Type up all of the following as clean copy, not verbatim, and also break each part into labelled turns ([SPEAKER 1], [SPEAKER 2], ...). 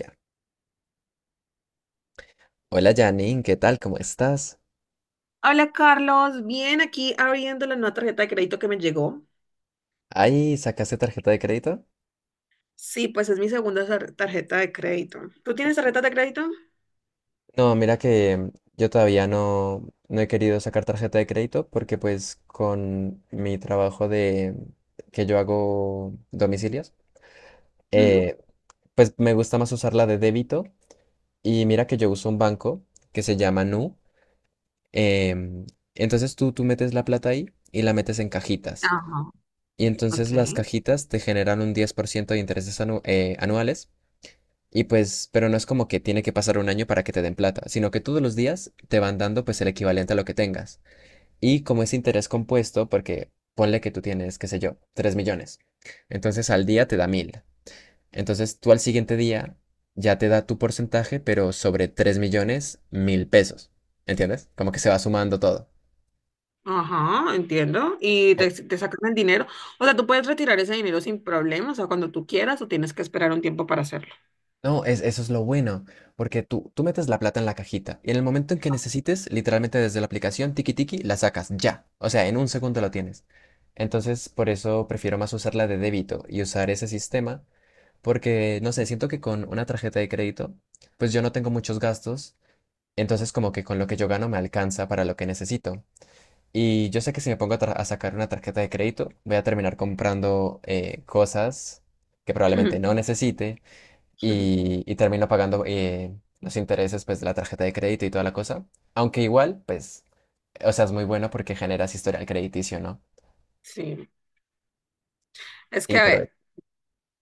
[SPEAKER 1] Ya. Hola Janine, ¿qué tal? ¿Cómo estás?
[SPEAKER 2] Hola Carlos, bien aquí abriendo la nueva tarjeta de crédito que me llegó.
[SPEAKER 1] Ay, ¿sacaste tarjeta de crédito?
[SPEAKER 2] Sí, pues es mi segunda tarjeta de crédito. ¿Tú tienes tarjeta de crédito?
[SPEAKER 1] No, mira que yo todavía no, no he querido sacar tarjeta de crédito porque pues con mi trabajo de que yo hago domicilios,
[SPEAKER 2] Ujú.
[SPEAKER 1] eh, pues me gusta más usar la de débito y mira que yo uso un banco que se llama Nu. em, entonces tú metes la plata ahí y la metes en cajitas.
[SPEAKER 2] Ajá,
[SPEAKER 1] Y
[SPEAKER 2] ok.
[SPEAKER 1] entonces las cajitas te generan un 10% de intereses anuales. Y pues, pero no es como que tiene que pasar un año para que te den plata, sino que todos los días te van dando pues el equivalente a lo que tengas. Y como es interés compuesto, porque ponle que tú tienes, qué sé yo, 3 millones. Entonces al día te da 1.000. Entonces tú al siguiente día ya te da tu porcentaje, pero sobre 3 millones, 1.000 pesos. ¿Entiendes? Como que se va sumando todo.
[SPEAKER 2] Ajá, entiendo. Y te sacan el dinero. O sea, tú puedes retirar ese dinero sin problemas, o sea, cuando tú quieras, o tienes que esperar un tiempo para hacerlo.
[SPEAKER 1] No, es, eso es lo bueno, porque tú metes la plata en la cajita y en el momento en que necesites, literalmente desde la aplicación Tiki Tiki, la sacas ya. O sea, en un segundo lo tienes. Entonces, por eso prefiero más usar la de débito y usar ese sistema, porque, no sé, siento que con una tarjeta de crédito, pues yo no tengo muchos gastos, entonces como que con lo que yo gano me alcanza para lo que necesito. Y yo sé que si me pongo a, a sacar una tarjeta de crédito, voy a terminar comprando cosas que probablemente
[SPEAKER 2] Ujú,
[SPEAKER 1] no necesite
[SPEAKER 2] ujú.
[SPEAKER 1] y termino pagando los intereses pues, de la tarjeta de crédito y toda la cosa. Aunque igual, pues, o sea, es muy bueno porque generas historial crediticio, ¿no?
[SPEAKER 2] Sí. Es que,
[SPEAKER 1] Sí,
[SPEAKER 2] a
[SPEAKER 1] pero,
[SPEAKER 2] ver,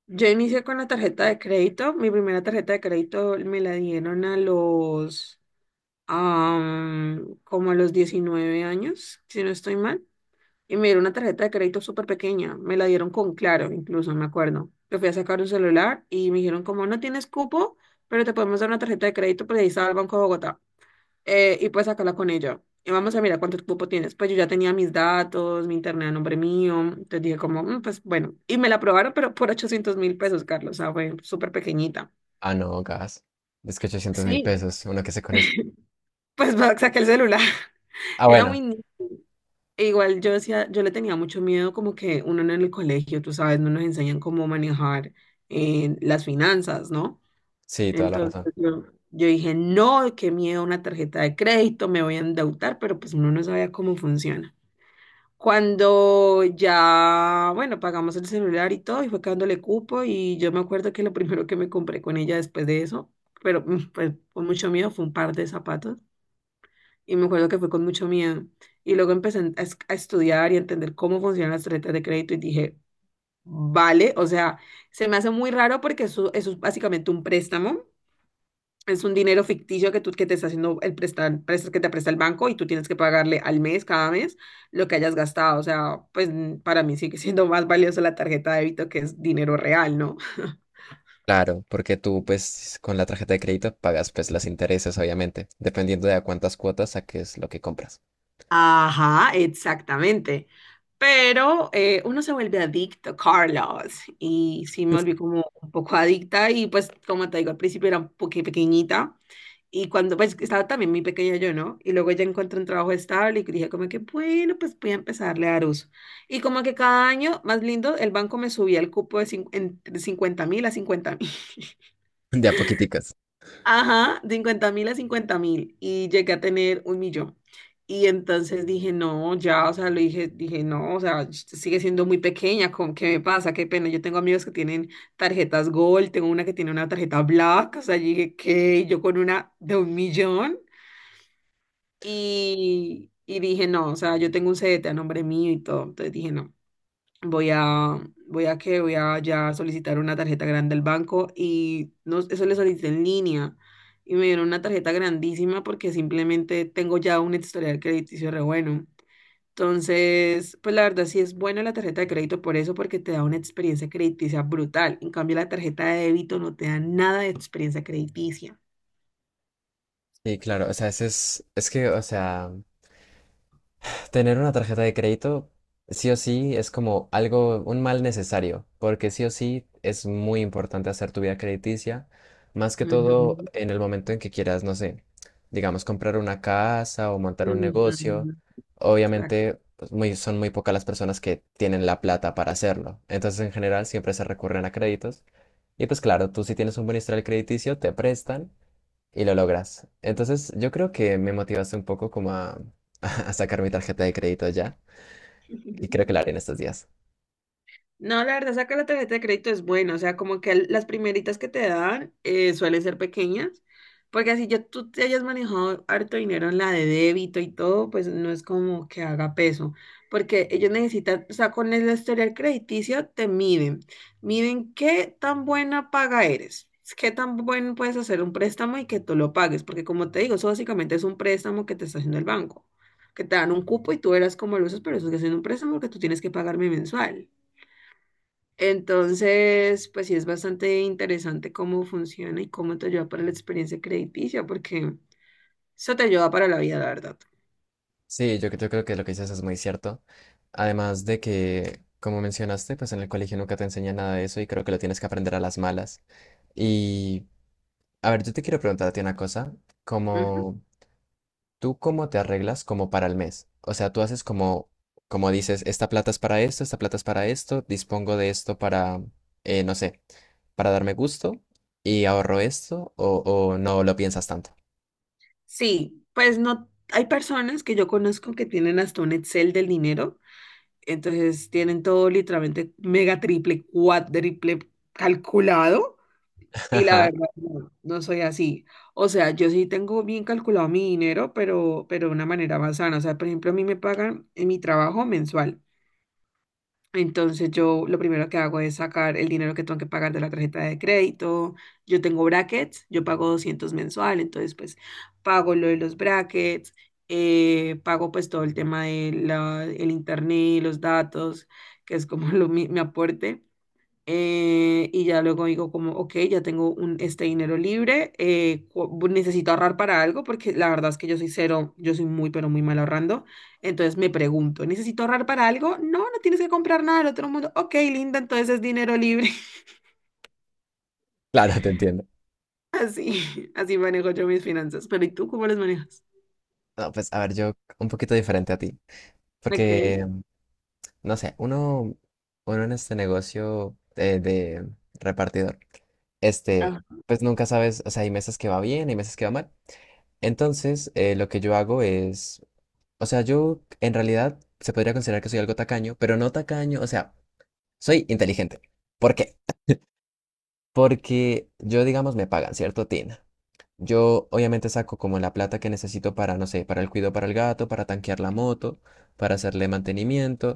[SPEAKER 2] yo inicié con la tarjeta de crédito. Mi primera tarjeta de crédito me la dieron como a los 19 años, si no estoy mal. Y me dieron una tarjeta de crédito súper pequeña. Me la dieron con Claro, incluso, me acuerdo. Yo fui a sacar un celular y me dijeron como: "No tienes cupo, pero te podemos dar una tarjeta de crédito", pues ahí estaba el Banco de Bogotá. Y puedes sacarla con ella. Y vamos a mirar cuánto cupo tienes. Pues yo ya tenía mis datos, mi internet a nombre mío. Entonces dije como: "Mm, pues bueno". Y me la aprobaron, pero por 800.000 pesos, Carlos. O sea, fue súper pequeñita.
[SPEAKER 1] ah, no, gas. Es que ochocientos mil
[SPEAKER 2] Sí,
[SPEAKER 1] pesos, uno que sé con eso.
[SPEAKER 2] pues saqué el celular.
[SPEAKER 1] Ah,
[SPEAKER 2] Era muy.
[SPEAKER 1] bueno,
[SPEAKER 2] Igual yo decía, yo le tenía mucho miedo, como que uno en el colegio, tú sabes, no nos enseñan cómo manejar las finanzas, ¿no?
[SPEAKER 1] sí, toda la razón.
[SPEAKER 2] Entonces yo dije: "No, qué miedo una tarjeta de crédito, me voy a endeudar", pero pues uno no sabía cómo funciona. Cuando ya, bueno, pagamos el celular y todo, y fue quedándole cupo, y yo me acuerdo que lo primero que me compré con ella después de eso, pero pues con mucho miedo, fue un par de zapatos, y me acuerdo que fue con mucho miedo. Y luego empecé a estudiar y a entender cómo funcionan las tarjetas de crédito y dije: "Vale, o sea, se me hace muy raro porque eso es básicamente un préstamo. Es un dinero ficticio que te está haciendo el prestar, prestas que te presta el banco y tú tienes que pagarle al mes, cada mes, lo que hayas gastado". O sea, pues para mí sigue siendo más valioso la tarjeta de débito, que es dinero real, ¿no?
[SPEAKER 1] Claro, porque tú pues con la tarjeta de crédito pagas pues los intereses, obviamente, dependiendo de a cuántas cuotas saques lo que compras.
[SPEAKER 2] Ajá, exactamente. Pero uno se vuelve adicto, Carlos, y sí me volví como un poco adicta, y pues como te digo, al principio era un poquito pequeñita, y cuando pues estaba también muy pequeña yo, ¿no? Y luego ya encontré un trabajo estable y dije como que bueno, pues voy a empezarle a dar uso. Y como que cada año, más lindo, el banco me subía el cupo de entre 50 mil a 50.000.
[SPEAKER 1] De a poquiticas.
[SPEAKER 2] Ajá, 50.000 a 50.000, y llegué a tener un millón. Y entonces dije: "No, ya, o sea", lo dije, "No, o sea, sigue siendo muy pequeña, ¿con qué me pasa? Qué pena. Yo tengo amigos que tienen tarjetas Gold, tengo una que tiene una tarjeta Black, o sea". Yo dije: "¿Qué? Yo con una de un millón". Y dije: "No, o sea, yo tengo un CDT a nombre mío y todo". Entonces dije: "No. Voy a, voy a ya solicitar una tarjeta grande al banco", y no, eso le solicité en línea y me dieron una tarjeta grandísima porque simplemente tengo ya un historial crediticio re bueno. Entonces, pues la verdad sí es buena la tarjeta de crédito por eso, porque te da una experiencia crediticia brutal. En cambio, la tarjeta de débito no te da nada de experiencia crediticia.
[SPEAKER 1] Sí, claro, o sea, es que, o sea, tener una tarjeta de crédito, sí o sí, es como algo, un mal necesario, porque sí o sí es muy importante hacer tu vida crediticia, más que todo
[SPEAKER 2] Ujú,
[SPEAKER 1] en el momento en que quieras, no sé, digamos, comprar una casa o montar un negocio.
[SPEAKER 2] ujú, exacto.
[SPEAKER 1] Obviamente, pues, muy, son muy pocas las personas que tienen la plata para hacerlo. Entonces, en general, siempre se recurren a créditos. Y pues claro, tú si tienes un buen historial crediticio, te prestan y lo logras. Entonces, yo creo que me motivaste un poco como a, a sacar mi tarjeta de crédito ya y creo que lo haré en estos días.
[SPEAKER 2] No, la verdad, sacar la tarjeta de crédito es bueno, o sea, como que las primeritas que te dan suelen ser pequeñas, porque así ya tú te hayas manejado harto dinero en la de débito y todo, pues no es como que haga peso, porque ellos necesitan, o sea, con el historial crediticio te miden, miden qué tan buena paga eres, qué tan bueno puedes hacer un préstamo y que tú lo pagues, porque como te digo, eso básicamente es un préstamo que te está haciendo el banco, que te dan un cupo y tú verás cómo lo usas, pero eso es que es un préstamo que tú tienes que pagarme mensual. Entonces, pues sí es bastante interesante cómo funciona y cómo te ayuda para la experiencia crediticia, porque eso te ayuda para la vida, la verdad.
[SPEAKER 1] Sí, yo creo que lo que dices es muy cierto. Además de que, como mencionaste, pues en el colegio nunca te enseñan nada de eso y creo que lo tienes que aprender a las malas. Y, a ver, yo te quiero preguntar a ti una cosa,
[SPEAKER 2] Ujú.
[SPEAKER 1] como ¿tú cómo te arreglas como para el mes? O sea, tú haces como, como dices, esta plata es para esto, esta plata es para esto, dispongo de esto para, no sé, para darme gusto y ahorro esto o no lo piensas tanto.
[SPEAKER 2] Sí, pues no, hay personas que yo conozco que tienen hasta un Excel del dinero, entonces tienen todo literalmente mega, triple, cuádruple calculado, y la
[SPEAKER 1] Ajá,
[SPEAKER 2] verdad no, no soy así. O sea, yo sí tengo bien calculado mi dinero, pero de una manera más sana. O sea, por ejemplo, a mí me pagan en mi trabajo mensual. Entonces yo lo primero que hago es sacar el dinero que tengo que pagar de la tarjeta de crédito. Yo tengo brackets, yo pago 200 mensual, entonces pues pago lo de los brackets, pago pues todo el tema de el internet, los datos, que es como mi aporte. Y ya luego digo como: "Ok, ya tengo este dinero libre, necesito ahorrar para algo", porque la verdad es que yo soy cero, yo soy muy, pero muy mal ahorrando. Entonces me pregunto: "¿Necesito ahorrar para algo? No, no tienes que comprar nada del otro mundo. Ok, linda, entonces es dinero libre".
[SPEAKER 1] claro, te entiendo.
[SPEAKER 2] Así, así manejo yo mis finanzas. Pero ¿y tú cómo las manejas?
[SPEAKER 1] No, pues a ver, yo un poquito diferente a ti,
[SPEAKER 2] Ok,
[SPEAKER 1] porque, no sé, uno en este negocio de repartidor. este,
[SPEAKER 2] ah,
[SPEAKER 1] pues nunca sabes, o sea, hay meses que va bien, hay meses que va mal. Entonces, lo que yo hago es, o sea, yo en realidad se podría considerar que soy algo tacaño, pero no tacaño, o sea, soy inteligente. ¿Por qué? Porque yo, digamos, me pagan, ¿cierto, Tina? Yo obviamente saco como la plata que necesito para, no sé, para el cuido para el gato, para tanquear la moto, para hacerle mantenimiento,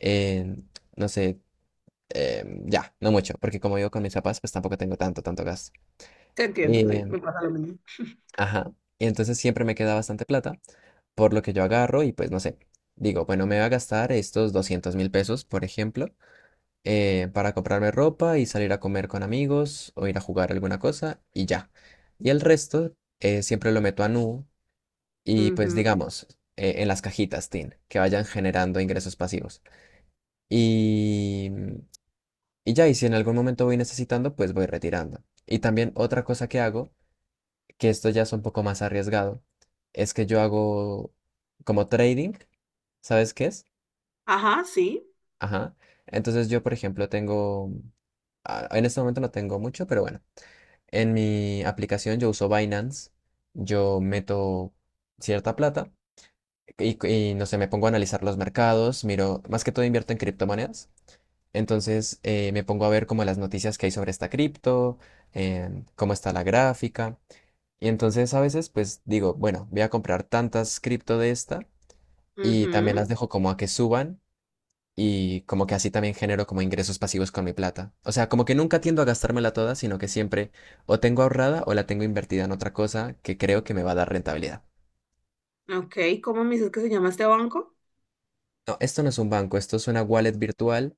[SPEAKER 1] eh, no sé, ya, no mucho, porque como vivo con mis papás, pues tampoco tengo tanto, tanto gasto.
[SPEAKER 2] te entiendo, sí,
[SPEAKER 1] Eh,
[SPEAKER 2] me pasa lo mismo.
[SPEAKER 1] Ajá. Y entonces siempre me queda bastante plata, por lo que yo agarro y pues no sé, digo, bueno, me voy a gastar estos 200.000 pesos, por ejemplo, para comprarme ropa y salir a comer con amigos o ir a jugar alguna cosa y ya. Y el resto siempre lo meto a Nu y pues
[SPEAKER 2] Ujú.
[SPEAKER 1] digamos, en las cajitas, Tin, que vayan generando ingresos pasivos. Y, y ya, y si en algún momento voy necesitando, pues voy retirando. Y también otra cosa que hago que esto ya es un poco más arriesgado, es que yo hago como trading, ¿sabes qué es?
[SPEAKER 2] Ajá, sí.
[SPEAKER 1] Ajá. Entonces yo, por ejemplo, tengo, ah, en este momento no tengo mucho, pero bueno, en mi aplicación yo uso Binance, yo meto cierta plata no sé, me pongo a analizar los mercados, miro, más que todo invierto en criptomonedas. Entonces me pongo a ver como las noticias que hay sobre esta cripto, cómo está la gráfica. Y entonces a veces pues digo, bueno, voy a comprar tantas cripto de esta y también las
[SPEAKER 2] Ujú.
[SPEAKER 1] dejo como a que suban y como que así también genero como ingresos pasivos con mi plata. O sea, como que nunca tiendo a gastármela toda, sino que siempre o tengo ahorrada o la tengo invertida en otra cosa que creo que me va a dar rentabilidad.
[SPEAKER 2] Ok, ¿cómo me dices que se llama este banco?
[SPEAKER 1] No, esto no es un banco, esto es una wallet virtual,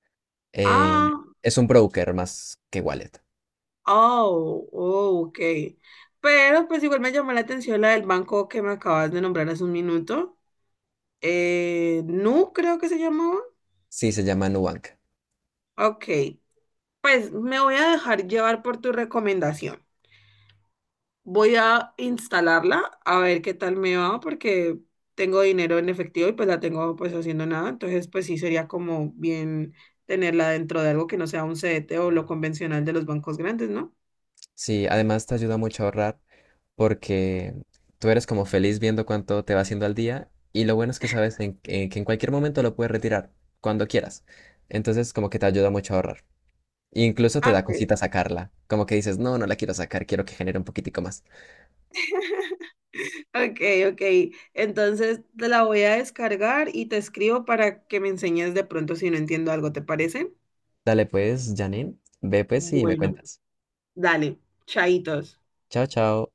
[SPEAKER 1] eh,
[SPEAKER 2] Ah.
[SPEAKER 1] es un broker más que wallet.
[SPEAKER 2] Oh, oh, ok. Pero pues igual me llamó la atención la del banco que me acabas de nombrar hace un minuto. Nu, creo que se llamaba.
[SPEAKER 1] Sí, se llama Nubank.
[SPEAKER 2] Ok. Pues me voy a dejar llevar por tu recomendación. Voy a instalarla a ver qué tal me va, porque tengo dinero en efectivo y pues la tengo pues haciendo nada. Entonces pues sí sería como bien tenerla dentro de algo que no sea un CDT o lo convencional de los bancos grandes, ¿no?
[SPEAKER 1] Sí, además te ayuda mucho a ahorrar porque tú eres como feliz viendo cuánto te va haciendo al día y lo bueno es que sabes en que en cualquier momento lo puedes retirar, cuando quieras. Entonces como que te ayuda mucho a ahorrar. Incluso te
[SPEAKER 2] Ah,
[SPEAKER 1] da
[SPEAKER 2] ok.
[SPEAKER 1] cosita sacarla, como que dices, no, no la quiero sacar, quiero que genere un poquitico más.
[SPEAKER 2] Ok, ok. Entonces te la voy a descargar y te escribo para que me enseñes de pronto si no entiendo algo, ¿te parece?
[SPEAKER 1] Dale pues, Janine, ve pues y me
[SPEAKER 2] Bueno,
[SPEAKER 1] cuentas.
[SPEAKER 2] dale, chaitos.
[SPEAKER 1] Chao, chao.